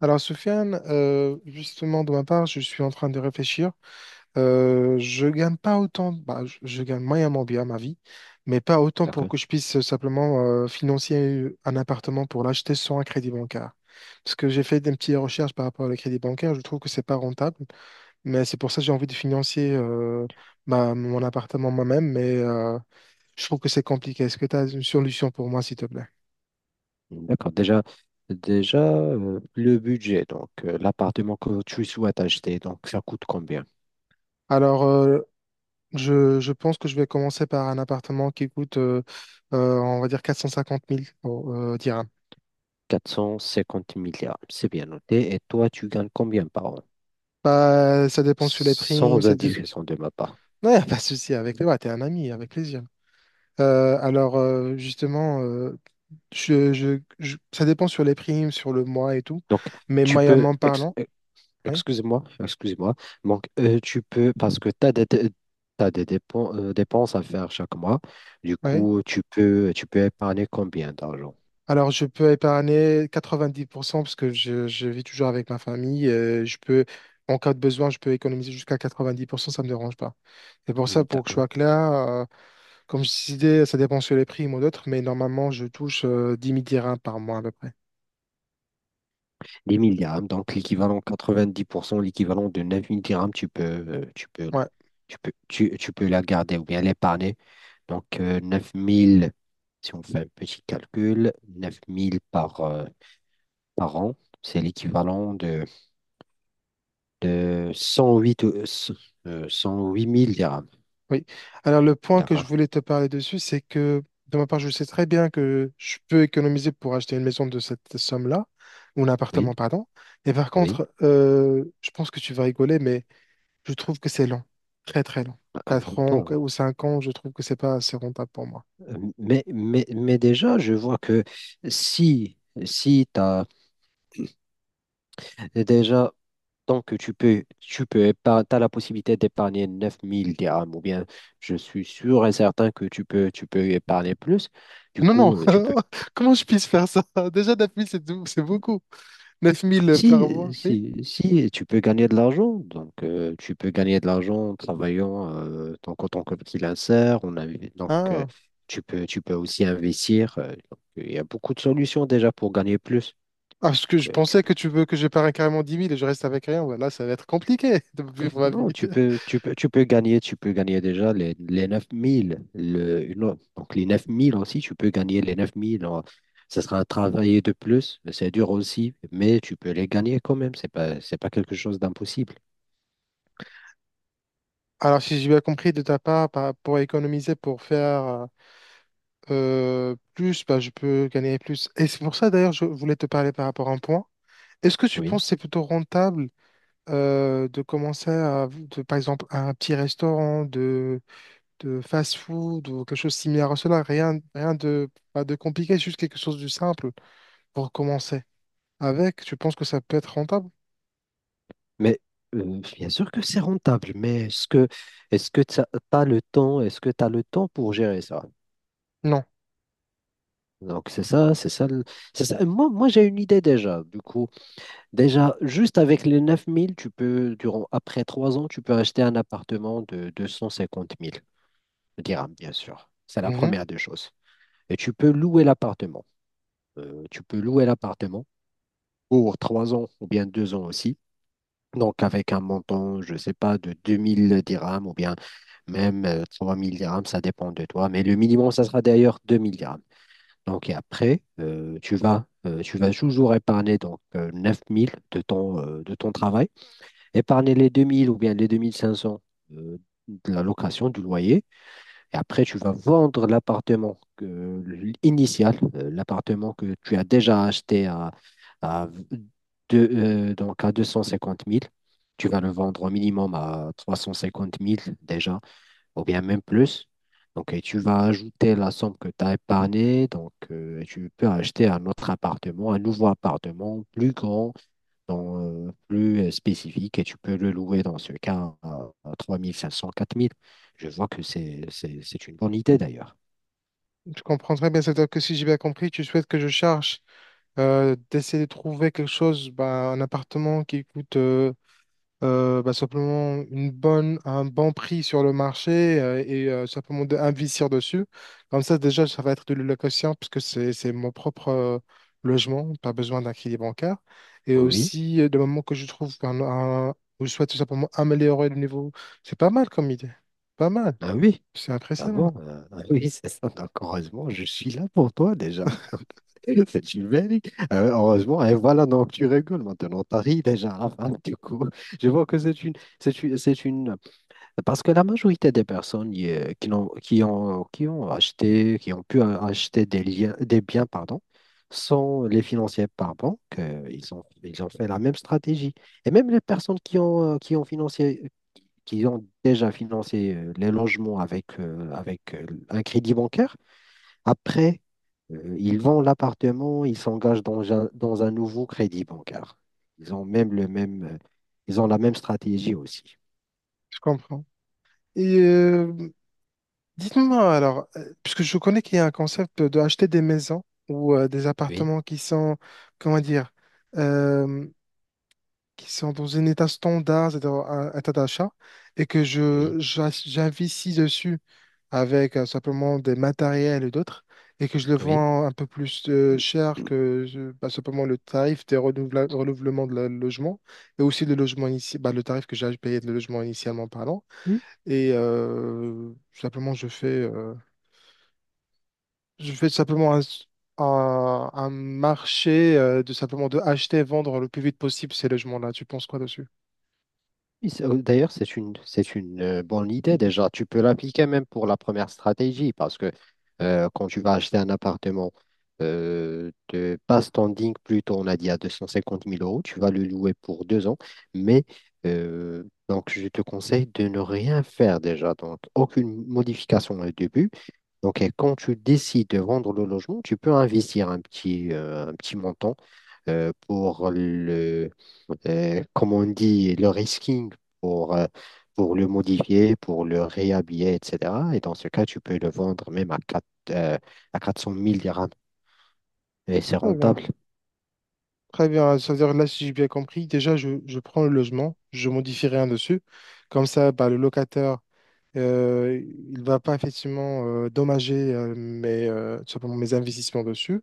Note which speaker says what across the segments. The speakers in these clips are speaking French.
Speaker 1: Alors, Sofiane, justement, de ma part, je suis en train de réfléchir. Je gagne pas autant, bah, je gagne moyennement bien ma vie, mais pas autant pour
Speaker 2: D'accord.
Speaker 1: que je puisse simplement financer un appartement pour l'acheter sans un crédit bancaire. Parce que j'ai fait des petites recherches par rapport au crédit bancaire, je trouve que c'est pas rentable, mais c'est pour ça que j'ai envie de financer mon appartement moi-même, mais je trouve que c'est compliqué. Est-ce que tu as une solution pour moi, s'il te plaît?
Speaker 2: D'accord. Déjà, le budget, donc, l'appartement que tu souhaites acheter, donc ça coûte combien?
Speaker 1: Alors, je pense que je vais commencer par un appartement qui coûte, on va dire, 450 000 oh, dirhams.
Speaker 2: 450 milliards. C'est bien noté. Et toi, tu gagnes combien par an?
Speaker 1: Bah, ça dépend sur les primes.
Speaker 2: Sans indication de ma part.
Speaker 1: Non, y a pas de souci avec toi. T'es un ami, avec plaisir. Alors, justement, ça dépend sur les primes, sur le mois et tout,
Speaker 2: Donc,
Speaker 1: mais
Speaker 2: tu peux,
Speaker 1: moyennement
Speaker 2: ex-
Speaker 1: parlant,
Speaker 2: euh,
Speaker 1: oui,
Speaker 2: excuse-moi, excuse-moi. Donc, tu peux, parce que tu as des, dé- dépenses à faire chaque mois. Du
Speaker 1: oui.
Speaker 2: coup, tu peux épargner combien d'argent?
Speaker 1: Alors, je peux épargner 90% parce que je vis toujours avec ma famille. Je peux, en cas de besoin, je peux économiser jusqu'à 90%, ça ne me dérange pas. C'est pour ça,
Speaker 2: Hmm,
Speaker 1: pour que je
Speaker 2: d'accord.
Speaker 1: sois clair, comme je disais, ça dépend sur les prix, moi d'autres, mais normalement, je touche 10 000 dirhams par mois à peu près.
Speaker 2: Des 1000 dirhams, donc l'équivalent 90% l'équivalent de 9 000 dirhams, tu peux,
Speaker 1: Ouais,
Speaker 2: tu peux, tu, tu peux la garder ou bien l'épargner. Donc, 9000 si on fait un petit calcul, neuf mille par an, c'est l'équivalent de 108, 108 000 dirhams.
Speaker 1: oui. Alors, le point que je
Speaker 2: D'accord?
Speaker 1: voulais te parler dessus, c'est que de ma part, je sais très bien que je peux économiser pour acheter une maison de cette somme-là, ou un
Speaker 2: Oui,
Speaker 1: appartement, pardon. Et par
Speaker 2: oui.
Speaker 1: contre, je pense que tu vas rigoler, mais je trouve que c'est long, très très long.
Speaker 2: Ah
Speaker 1: Quatre ans
Speaker 2: bon,
Speaker 1: ou cinq ans, je trouve que c'est pas assez rentable pour moi.
Speaker 2: mais déjà, je vois que si, si tu as. Déjà, donc, tu peux épargner, t'as la possibilité d'épargner 9000 dirhams, ou bien je suis sûr et certain que tu peux épargner plus. Du
Speaker 1: Non, non,
Speaker 2: coup,
Speaker 1: comment je puisse faire ça? Déjà, 9 000, c'est c'est beaucoup. neuf mille par
Speaker 2: si,
Speaker 1: mois, oui.
Speaker 2: si, si tu peux gagner de l'argent, donc, tu peux gagner de l'argent en travaillant donc, en tant que freelancer, on a, donc,
Speaker 1: Ah.
Speaker 2: tu peux aussi investir. Donc, il y a beaucoup de solutions déjà pour gagner plus.
Speaker 1: Ah, parce que je
Speaker 2: Tu
Speaker 1: pensais
Speaker 2: peux
Speaker 1: que tu veux que je parie carrément 10 000 et je reste avec rien. Ouais, là, ça va être compliqué de vivre ma vie.
Speaker 2: Non, tu peux, tu peux, tu peux gagner déjà les 9000, donc les 9000 aussi, tu peux gagner les 9 000. Alors, ça sera un travail de plus, c'est dur aussi, mais tu peux les gagner quand même. C'est pas quelque chose d'impossible.
Speaker 1: Alors, si j'ai bien compris de ta part, pour économiser, pour faire plus, bah, je peux gagner plus. Et c'est pour ça, d'ailleurs, je voulais te parler par rapport à un point. Est-ce que tu
Speaker 2: Oui.
Speaker 1: penses que c'est plutôt rentable de commencer à, de, par exemple, un petit restaurant de fast-food ou quelque chose similaire à cela? Rien, rien de, pas de compliqué, juste quelque chose de simple pour commencer. Avec, tu penses que ça peut être rentable?
Speaker 2: Mais, bien sûr que c'est rentable, mais est-ce que tu as le temps, est-ce que tu as le temps pour gérer ça?
Speaker 1: Non.
Speaker 2: Donc c'est ça. Et moi, moi j'ai une idée déjà. Du coup, déjà, juste avec les 9000 après trois ans, tu peux acheter un appartement de 250 000 dirhams, bien sûr. C'est la
Speaker 1: Mhm.
Speaker 2: première des choses. Et tu peux louer l'appartement. Tu peux louer l'appartement pour trois ans ou bien deux ans aussi. Donc, avec un montant, je ne sais pas, de 2 000 dirhams ou bien même, 3 000 dirhams, ça dépend de toi. Mais le minimum, ça sera d'ailleurs 2 000 dirhams. Donc, et après, tu vas toujours épargner donc, 9 000 de ton travail. Épargner les 2 000 ou bien les 2 500 euh, de la location, du loyer. Et après, tu vas vendre l'appartement que tu as déjà acheté à, à, à 250 000. Tu vas le vendre au minimum à 350 000 déjà, ou bien même plus. Donc, et tu vas ajouter la somme que tu as épargnée. Donc, et tu peux acheter un autre appartement, un nouveau appartement plus grand, plus spécifique et tu peux le louer dans ce cas à 3 500, 4 000. Je vois que c'est une bonne idée d'ailleurs.
Speaker 1: Je comprends très bien. C'est-à-dire que si j'ai bien compris, tu souhaites que je cherche d'essayer de trouver quelque chose, bah, un appartement qui coûte bah, simplement une bonne, un bon prix sur le marché et simplement d'investir dessus. Comme ça, déjà, ça va être de l'allocation puisque c'est mon propre logement, pas besoin d'un crédit bancaire. Et
Speaker 2: Oui,
Speaker 1: aussi, le moment que je trouve un, ou je souhaite tout simplement améliorer le niveau, c'est pas mal comme idée. Pas mal.
Speaker 2: ah oui,
Speaker 1: C'est
Speaker 2: ah
Speaker 1: impressionnant,
Speaker 2: bon, ah oui, c'est ça. Donc, heureusement, je suis là pour toi déjà. Donc, c'est une belle idée. Heureusement, et voilà, donc tu rigoles maintenant, t'as ri déjà. Enfin, du coup, je vois que c'est une, c'est une, c'est une parce que la majorité des personnes qui n'ont- qui ont, acheté, qui ont pu acheter des liens, des biens, pardon, sont les financiers par banque. Ils ont fait la même stratégie. Et même les personnes qui ont déjà financé les logements avec un crédit bancaire, après, ils vendent l'appartement, ils s'engagent dans un nouveau crédit bancaire. Ils ont même le même, euh, Ils ont la même stratégie aussi.
Speaker 1: je comprends. Et dites-moi alors, puisque je connais qu'il y a un concept de acheter des maisons ou des
Speaker 2: Oui,
Speaker 1: appartements qui sont, comment dire, euh, qui sont dans un état standard, c'est-à-dire un état d'achat, et que
Speaker 2: oui,
Speaker 1: j'investis dessus avec simplement des matériels et d'autres, et que je le
Speaker 2: oui.
Speaker 1: vends un peu plus cher que bah, simplement le tarif des renouvellements de logement, et aussi le logement initial, le tarif que j'ai payé de logement initialement parlant. Et simplement, je fais simplement un, un marché de simplement de acheter et vendre le plus vite possible ces logements-là. Tu penses quoi dessus?
Speaker 2: Oui, oh, d'ailleurs, c'est une bonne idée déjà. Tu peux l'appliquer même pour la première stratégie parce que, quand tu vas acheter un appartement de pas standing, plutôt on a dit à 250 000 euros, tu vas le louer pour deux ans. Mais donc, je te conseille de ne rien faire déjà. Donc, aucune modification au début. Donc, et quand tu décides de vendre le logement, tu peux investir un petit montant euh, pour le, comme on dit, le risking pour, euh, pour le modifier, pour le réhabiller, etc. Et dans ce cas, tu peux le vendre même à 400 000 dirhams. Et c'est
Speaker 1: Très bien.
Speaker 2: rentable.
Speaker 1: Très bien. Ça veut dire là, si j'ai bien compris, déjà, je prends le logement, je modifie rien dessus. Comme ça, bah, le locataire. Euh, il va pas effectivement dommager mes, tout simplement mes investissements dessus.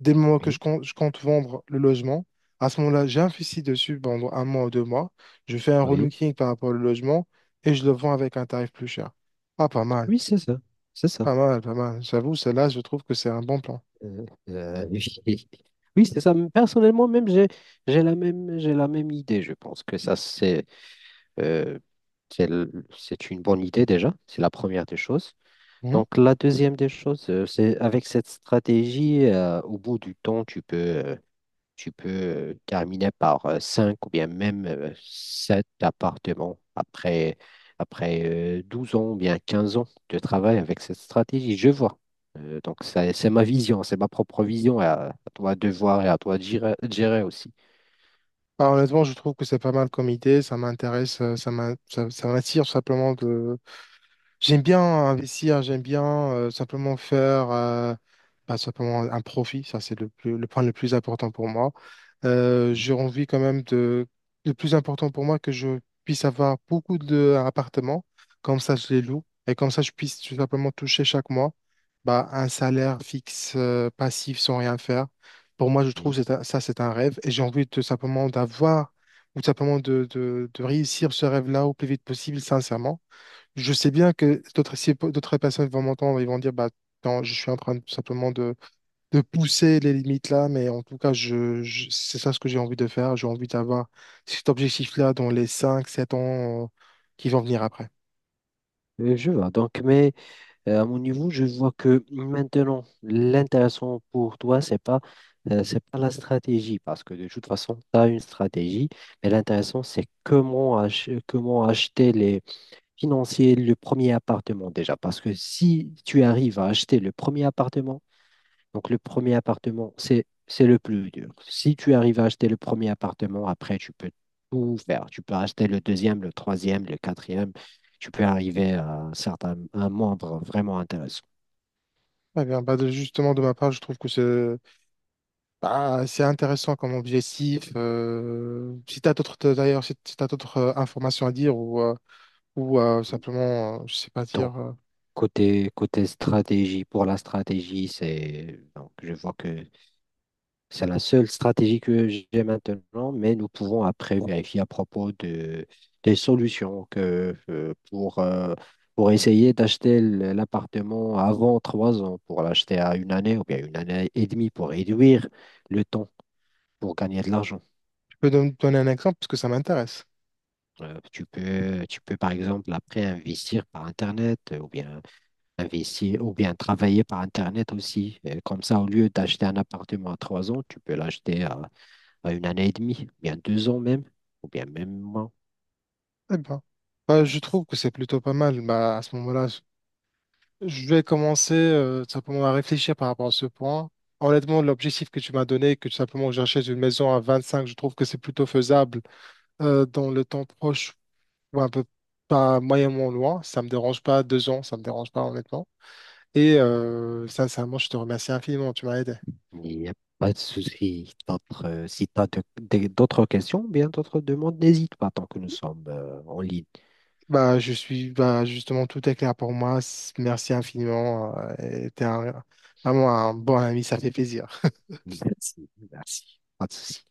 Speaker 1: Dès le moment que
Speaker 2: Oui,
Speaker 1: je compte vendre le logement, à ce moment-là, j'investis dessus pendant un mois ou 2 mois. Je fais un
Speaker 2: oui,
Speaker 1: relooking par rapport au logement et je le vends avec un tarif plus cher. Ah, pas mal,
Speaker 2: oui, c'est ça. C'est ça.
Speaker 1: pas mal, pas mal. J'avoue, celle-là, je trouve que c'est un bon plan.
Speaker 2: Euh, euh, oui, oui, c'est ça. Personnellement, même, j'ai la même idée. Je pense que ça, Euh, c'est l- c'est une bonne idée déjà, c'est la première des choses.
Speaker 1: Mhm.
Speaker 2: Donc la deuxième des choses, c'est avec cette stratégie, au bout du temps, tu peux terminer par cinq ou bien même sept appartements après, après 12 ans ou bien 15 ans de travail avec cette stratégie. Je vois. C'est ma vision, c'est ma propre vision, à toi de voir et à toi de gérer aussi.
Speaker 1: Ah, honnêtement, je trouve que c'est pas mal comme idée. Ça m'intéresse, ça m'attire tout simplement. J'aime bien investir, j'aime bien simplement faire bah, simplement un profit, ça c'est le plus, le point le plus important pour moi.
Speaker 2: Oui,
Speaker 1: J'ai envie quand même de... Le plus important pour moi, que je puisse avoir beaucoup d'appartements, comme ça je les loue, et comme ça je puisse tout simplement toucher chaque mois bah, un salaire fixe, passif, sans rien faire. Pour moi, je trouve
Speaker 2: oui.
Speaker 1: que c'est ça c'est un rêve, et j'ai envie de simplement d'avoir, ou simplement de, de réussir ce rêve-là au plus vite possible, sincèrement je sais bien que d'autres si d'autres personnes vont m'entendre, ils vont dire bah non, je suis en train tout simplement de pousser les limites là, mais en tout cas, c'est ça ce que j'ai envie de faire. J'ai envie d'avoir cet objectif-là dans les 5 à 7 ans qui vont venir après.
Speaker 2: Je vois. À mon niveau, je vois que maintenant, l'intéressant pour toi, c'est pas, c'est pas la stratégie, parce que de toute façon, tu as une stratégie, mais l'intéressant, c'est comment acheter les financiers le premier appartement déjà. Parce que si tu arrives à acheter le premier appartement, donc le premier appartement, c'est le plus dur. Si tu arrives à acheter le premier appartement, après, tu peux tout faire. Tu peux acheter le deuxième, le troisième, le quatrième. Tu peux arriver à un nombre vraiment intéressant.
Speaker 1: Eh bien, bah, justement, de ma part, je trouve que c'est bah, c'est intéressant comme objectif. Si tu as d'autres, d'ailleurs, si tu d'autres informations à dire ou simplement, je sais pas
Speaker 2: Donc,
Speaker 1: dire,
Speaker 2: côté stratégie, pour la stratégie, c'est donc je vois que c'est la seule stratégie que j'ai maintenant, mais nous pouvons après vérifier à propos des solutions pour essayer d'acheter l'appartement avant trois ans, pour l'acheter à une année ou bien une année et demie pour réduire le temps pour gagner de l'argent.
Speaker 1: donner un exemple parce que ça m'intéresse.
Speaker 2: Tu peux par exemple après investir par Internet ou bien investir ou bien travailler par Internet aussi. Comme ça, au lieu d'acheter un appartement à trois ans, tu peux l'acheter à une année et demie, bien deux ans même, ou bien même moins.
Speaker 1: Eh ben, bah, je trouve que c'est plutôt pas mal. Bah, à ce moment-là, je vais commencer tout simplement à réfléchir par rapport à ce point. Honnêtement, l'objectif que tu m'as donné, que tout simplement que j'achète une maison à 25 je trouve que c'est plutôt faisable dans le temps proche ou un peu pas moyennement loin. Ça me dérange pas, 2 ans, ça me dérange pas honnêtement. Et moi, je te remercie infiniment, tu m'as aidé.
Speaker 2: Il n'y a pas de souci. Si tu as d'autres questions, bien d'autres demandes, n'hésite pas tant que nous sommes en ligne.
Speaker 1: Bah, bah, justement, tout est clair pour moi. Merci infiniment. Et vraiment un bon ami, ça fait plaisir.
Speaker 2: Merci, merci. Pas de souci.